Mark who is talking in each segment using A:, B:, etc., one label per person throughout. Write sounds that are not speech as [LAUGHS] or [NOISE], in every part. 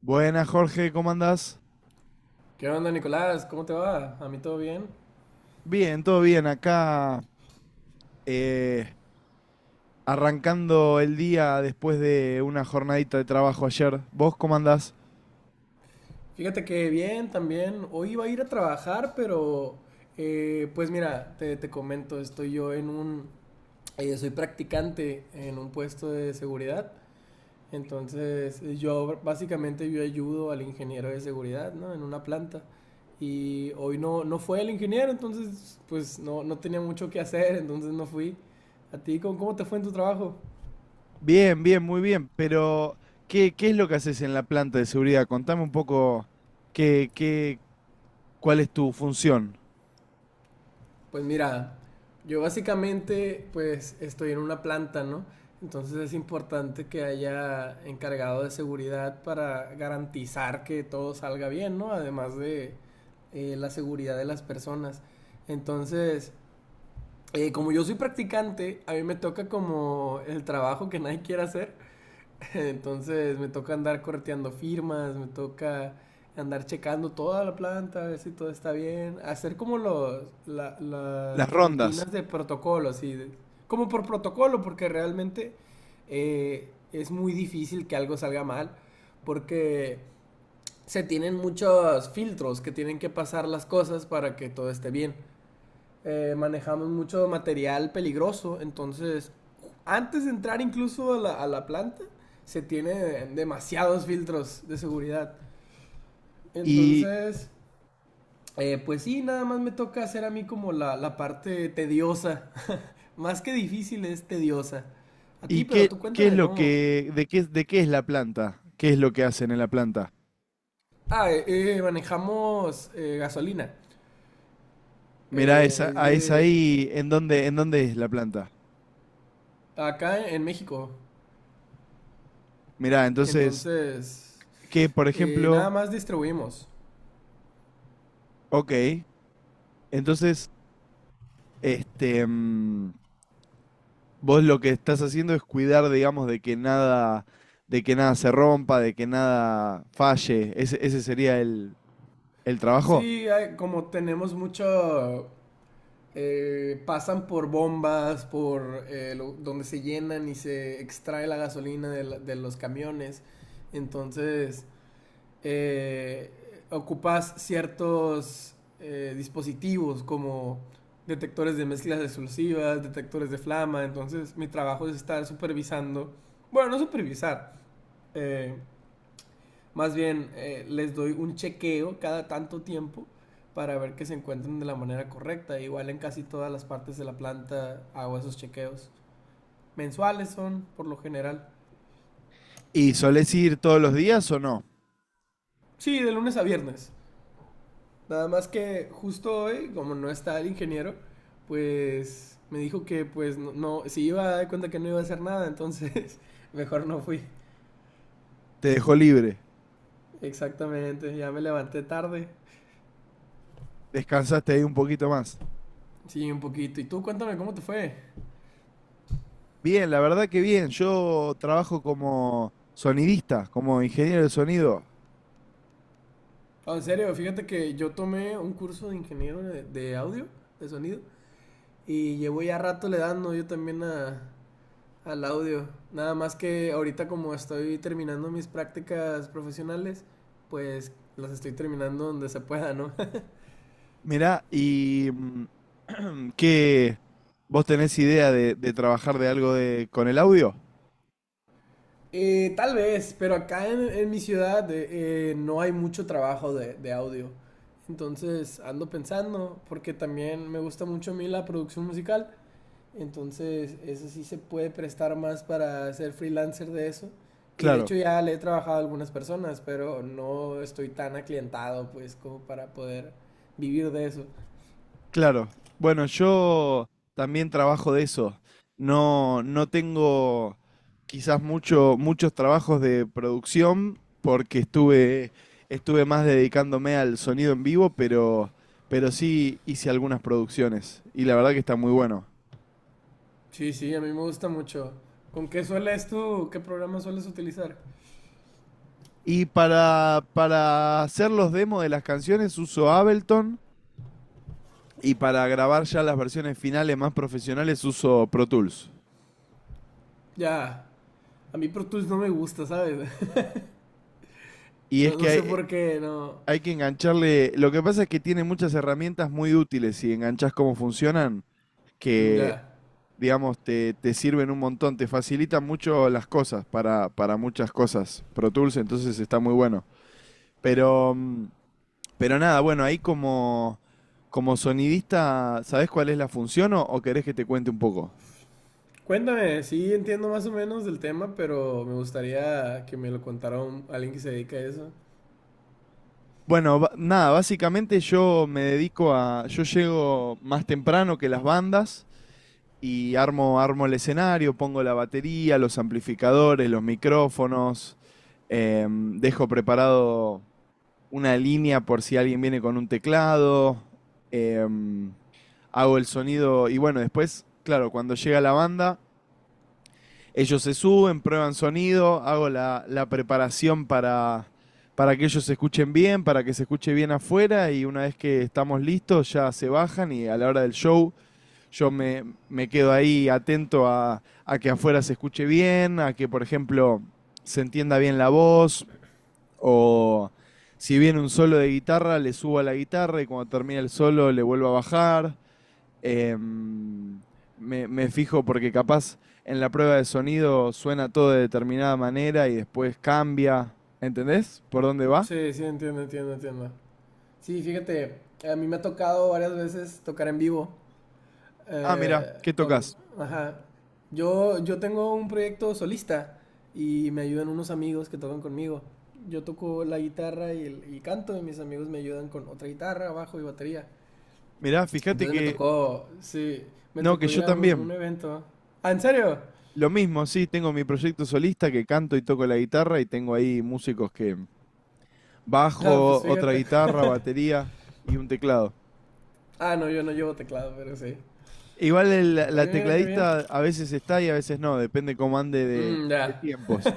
A: Buenas, Jorge, ¿cómo andás?
B: ¿Qué onda, Nicolás? ¿Cómo te va? ¿A mí todo bien?
A: Bien, todo bien. Acá eh, arrancando el día después de una jornadita de trabajo ayer. ¿Vos cómo andás?
B: Fíjate que bien también. Hoy iba a ir a trabajar, pero pues mira, te comento, estoy yo en un... soy practicante en un puesto de seguridad. Entonces yo básicamente yo ayudo al ingeniero de seguridad, ¿no? En una planta. Y hoy no fue el ingeniero, entonces pues no tenía mucho que hacer, entonces no fui. ¿A ti cómo te fue en tu trabajo?
A: Bien, bien, muy bien. Pero, ¿qué es lo que haces en la planta de seguridad? Contame un poco qué, qué, cuál es tu función,
B: Pues mira, yo básicamente pues estoy en una planta, ¿no? Entonces es importante que haya encargado de seguridad para garantizar que todo salga bien, ¿no? Además de la seguridad de las personas. Entonces, como yo soy practicante, a mí me toca como el trabajo que nadie quiere hacer. [LAUGHS] Entonces me toca andar correteando firmas, me toca andar checando toda la planta, a ver si todo está bien, hacer como
A: las
B: las
A: rondas.
B: rutinas de protocolo, así, como por protocolo, porque realmente es muy difícil que algo salga mal, porque se tienen muchos filtros que tienen que pasar las cosas para que todo esté bien. Manejamos mucho material peligroso, entonces antes de entrar incluso a la planta se tiene demasiados filtros de seguridad.
A: Y,
B: Entonces, pues sí, nada más me toca hacer a mí como la parte tediosa. [LAUGHS] Más que difícil es tediosa. A
A: y
B: ti, pero
A: qué,
B: tú
A: qué es
B: cuéntame
A: lo
B: cómo.
A: que, de qué es la planta, qué es lo que hacen en la planta.
B: Ah, manejamos gasolina.
A: Mirá, esa,
B: Es
A: ah, es
B: de
A: ahí, ¿en dónde es la planta?
B: acá en México.
A: Mirá, entonces.
B: Entonces,
A: Que, por ejemplo,
B: nada más distribuimos.
A: ok, entonces, este, mm, vos lo que estás haciendo es cuidar, digamos, de que nada se rompa, de que nada falle. Ese sería el trabajo.
B: Sí, hay- como tenemos mucho, pasan por bombas, por lo- donde se llenan y se extrae la gasolina de, la- de los camiones. Entonces, eh, ocupas ciertos dispositivos como detectores de mezclas explosivas, detectores de flama. Entonces, mi trabajo es estar supervisando, bueno, no supervisar, eh, más bien, les doy un chequeo cada tanto tiempo para ver que se encuentren de la manera correcta. Igual en casi todas las partes de la planta hago esos chequeos. Mensuales son, por lo general.
A: ¿Y solés ir todos los días o no?
B: Sí, de lunes a viernes. Nada más que justo hoy, como no está el ingeniero, pues me dijo que pues no, no- si iba a dar cuenta que no iba a hacer nada, entonces [LAUGHS] mejor no fui.
A: ¿Te dejó libre?
B: Exactamente, ya me levanté tarde.
A: ¿Descansaste ahí un poquito más?
B: Sí, un poquito. ¿Y tú cuéntame cómo te fue?
A: Bien, la verdad que bien. Yo trabajo como sonidista, como ingeniero de sonido.
B: Ah, en serio, fíjate que yo tomé un curso de ingeniero de audio, de sonido, y llevo ya rato le dando yo también a, al audio. Nada más que ahorita como estoy terminando mis prácticas profesionales, pues las estoy terminando donde se pueda, ¿no? [LAUGHS]
A: Mirá, y [CLEARS THROAT] ¿qué vos tenés idea de trabajar de algo de con el audio?
B: Tal vez, pero acá en mi ciudad no hay mucho trabajo de audio. Entonces ando pensando, porque también me gusta mucho a mí la producción musical. Entonces, eso sí se puede prestar más para ser freelancer de eso. Y de
A: Claro,
B: hecho ya le he trabajado a algunas personas, pero no estoy tan aclientado pues como para poder vivir de eso.
A: claro. Bueno, yo también trabajo de eso. No, no tengo quizás mucho, muchos trabajos de producción porque estuve más dedicándome al sonido en vivo, pero sí hice algunas producciones y la verdad que está muy bueno.
B: Sí, sí, a mí me gusta mucho. ¿Con qué sueles tú? ¿Qué programa sueles utilizar?
A: Y para hacer los demos de las canciones uso Ableton. Y para grabar ya las versiones finales más profesionales uso Pro Tools.
B: Ya, a mí Pro Tools no me gusta, ¿sabes? [LAUGHS]
A: Y es
B: No,
A: que
B: no sé
A: hay,
B: por qué, no.
A: hay que engancharle, lo que pasa es que tiene muchas herramientas muy útiles si enganchas cómo funcionan,
B: Mm,
A: que
B: ya.
A: digamos te sirven un montón, te facilitan mucho las cosas para muchas cosas. Pro Tools entonces está muy bueno. Pero, pero nada, bueno, ahí como, como sonidista, ¿sabés cuál es la función o querés que te cuente un poco?
B: Cuéntame, sí entiendo más o menos del tema, pero me gustaría que me lo contara un- alguien que se dedica a eso.
A: Bueno, nada, básicamente yo me dedico a, yo llego más temprano que las bandas y armo, armo el escenario, pongo la batería, los amplificadores, los micrófonos, dejo preparado una línea por si alguien viene con un teclado, em, hago el sonido y bueno, después, claro, cuando llega la banda, ellos se suben, prueban sonido, hago la preparación para que ellos se escuchen bien, para que se escuche bien afuera y una vez que estamos listos ya se bajan y a la hora del show yo me quedo ahí atento a que afuera se escuche bien, a que por ejemplo se entienda bien la voz o si viene un solo de guitarra le subo a la guitarra y cuando termina el solo le vuelvo a bajar. Em, me, me fijo porque capaz en la prueba de sonido suena todo de determinada manera y después cambia. ¿Entendés? ¿Por dónde va?
B: Sí, sí, entiendo, entiendo, entiendo. Sí, fíjate, a mí me ha tocado varias veces tocar en vivo
A: Ah, mirá, ¿qué
B: con,
A: tocas?
B: ajá. Yo tengo un proyecto solista y me ayudan unos amigos que tocan conmigo. Yo toco la guitarra y, el- y canto y mis amigos me ayudan con otra guitarra, bajo y batería.
A: Mirá, fíjate
B: Entonces me
A: que...
B: tocó, sí, me
A: No, que
B: tocó
A: yo
B: ir a un
A: también.
B: evento. ¿Ah, en serio?
A: Lo mismo, sí, tengo mi proyecto solista que canto y toco la guitarra y tengo ahí músicos que
B: Ah, pues
A: bajo, otra
B: fíjate.
A: guitarra, batería y un teclado.
B: Ah, no, yo no llevo teclado, pero sí.
A: Igual la
B: Oye, mira qué bien.
A: tecladista a veces está y a veces no, depende cómo ande de
B: Mm,
A: de
B: ya.
A: tiempos.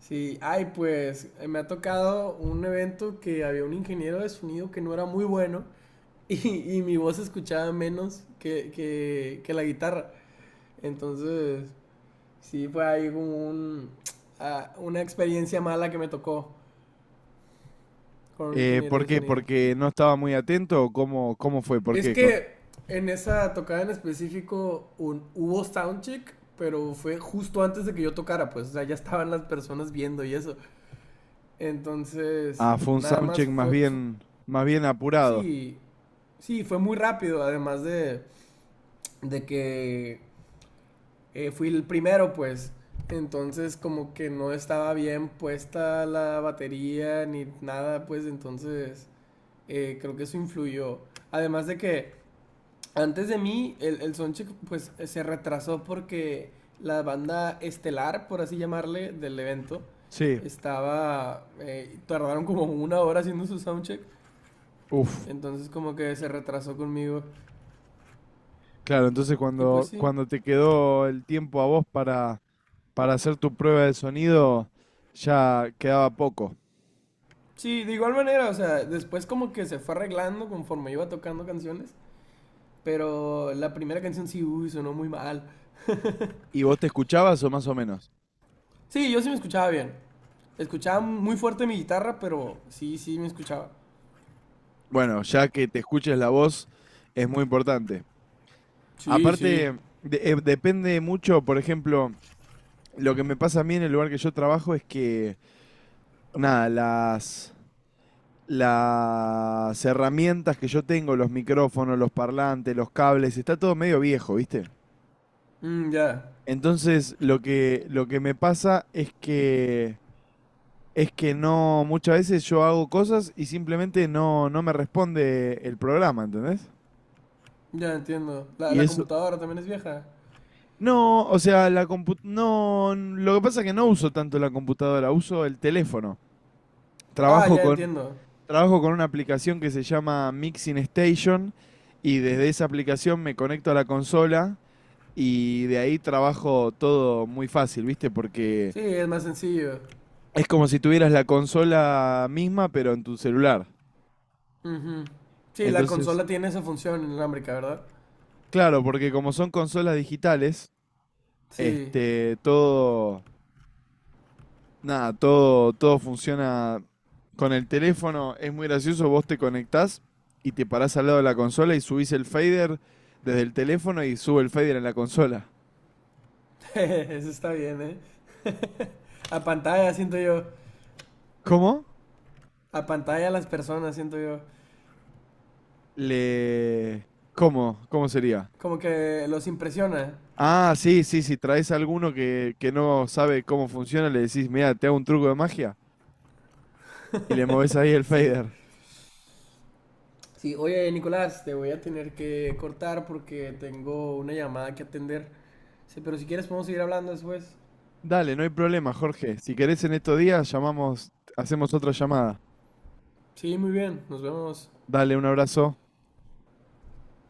B: Sí, ay, pues me ha tocado un evento que había un ingeniero de sonido que no era muy bueno [LAUGHS] y mi voz se escuchaba menos que la guitarra. Entonces, sí, fue ahí como un, ah, una experiencia mala que me tocó con un ingeniero
A: ¿Por
B: de
A: qué?
B: sonido.
A: ¿Porque no estaba muy atento? ¿O ¿cómo fue? ¿Por
B: Es
A: qué? Con-
B: que en esa tocada en específico un, hubo soundcheck, pero fue justo antes de que yo tocara, pues, o sea, ya estaban las personas viendo y eso. Entonces,
A: Ah, fue un
B: nada más
A: soundcheck más bien apurado.
B: sí, sí, fue muy rápido, además de que fui el primero, pues. Entonces como que no estaba bien puesta la batería ni nada, pues entonces creo que eso influyó. Además de que antes de mí el soundcheck pues se retrasó porque la banda estelar, por así llamarle, del evento
A: Sí,
B: estaba... tardaron como una hora haciendo su soundcheck.
A: uff.
B: Entonces como que se retrasó conmigo.
A: Claro, entonces
B: Y pues
A: cuando,
B: sí,
A: cuando te quedó el tiempo a vos para hacer tu prueba de sonido, ya quedaba poco.
B: sí, de igual manera, o sea, después como que se fue arreglando conforme iba tocando canciones, pero la primera canción sí, uy, sonó muy mal.
A: ¿Y vos te escuchabas o más o menos?
B: Sí, yo sí me escuchaba bien. Escuchaba muy fuerte mi guitarra, pero sí, sí me escuchaba.
A: Bueno, ya que te escuches la voz es muy importante.
B: Sí, sí.
A: Aparte, depende mucho, por ejemplo, lo que me pasa a mí en el lugar que yo trabajo es que, nada, las herramientas que yo tengo, los micrófonos, los parlantes, los cables, está todo medio viejo, ¿viste?
B: Mm, ya,
A: Entonces, lo que me pasa es que no, muchas veces yo hago cosas y simplemente no, no me responde el programa, ¿entendés?
B: ya entiendo. La,
A: Y
B: la
A: eso,
B: computadora también es vieja.
A: no, o sea, no, lo que pasa es que no uso tanto la computadora, uso el teléfono.
B: Ah,
A: Trabajo
B: ya
A: con,
B: entiendo.
A: trabajo con una aplicación que se llama Mixing Station y desde esa aplicación me conecto a la consola y de ahí trabajo todo muy fácil, ¿viste? Porque
B: Sí, es más sencillo.
A: es como si tuvieras la consola misma, pero en tu celular.
B: Ujú. Sí, la
A: Entonces,
B: consola tiene esa función inalámbrica, ¿verdad?
A: claro, porque como son consolas digitales,
B: Sí,
A: todo, nada, todo funciona con el teléfono. Es muy gracioso, vos te conectás y te parás al lado de la consola y subís el fader desde el teléfono y sube el fader en la consola.
B: [LAUGHS] eso está bien, ¿eh? A pantalla, siento yo.
A: ¿Cómo?
B: A pantalla las personas, siento yo.
A: Le... ¿Cómo? ¿Cómo sería?
B: Como que los impresiona.
A: Ah, sí, sí, si traes a alguno que no sabe cómo funciona, le decís, mira, te hago un truco de magia y le movés ahí el
B: Sí.
A: fader.
B: Sí, oye Nicolás, te voy a tener que cortar porque tengo una llamada que atender. Sí, pero si quieres podemos seguir hablando después.
A: Dale, no hay problema, Jorge. Si querés en estos días, llamamos, hacemos otra llamada.
B: Sí, muy bien, nos vemos.
A: Dale, un abrazo.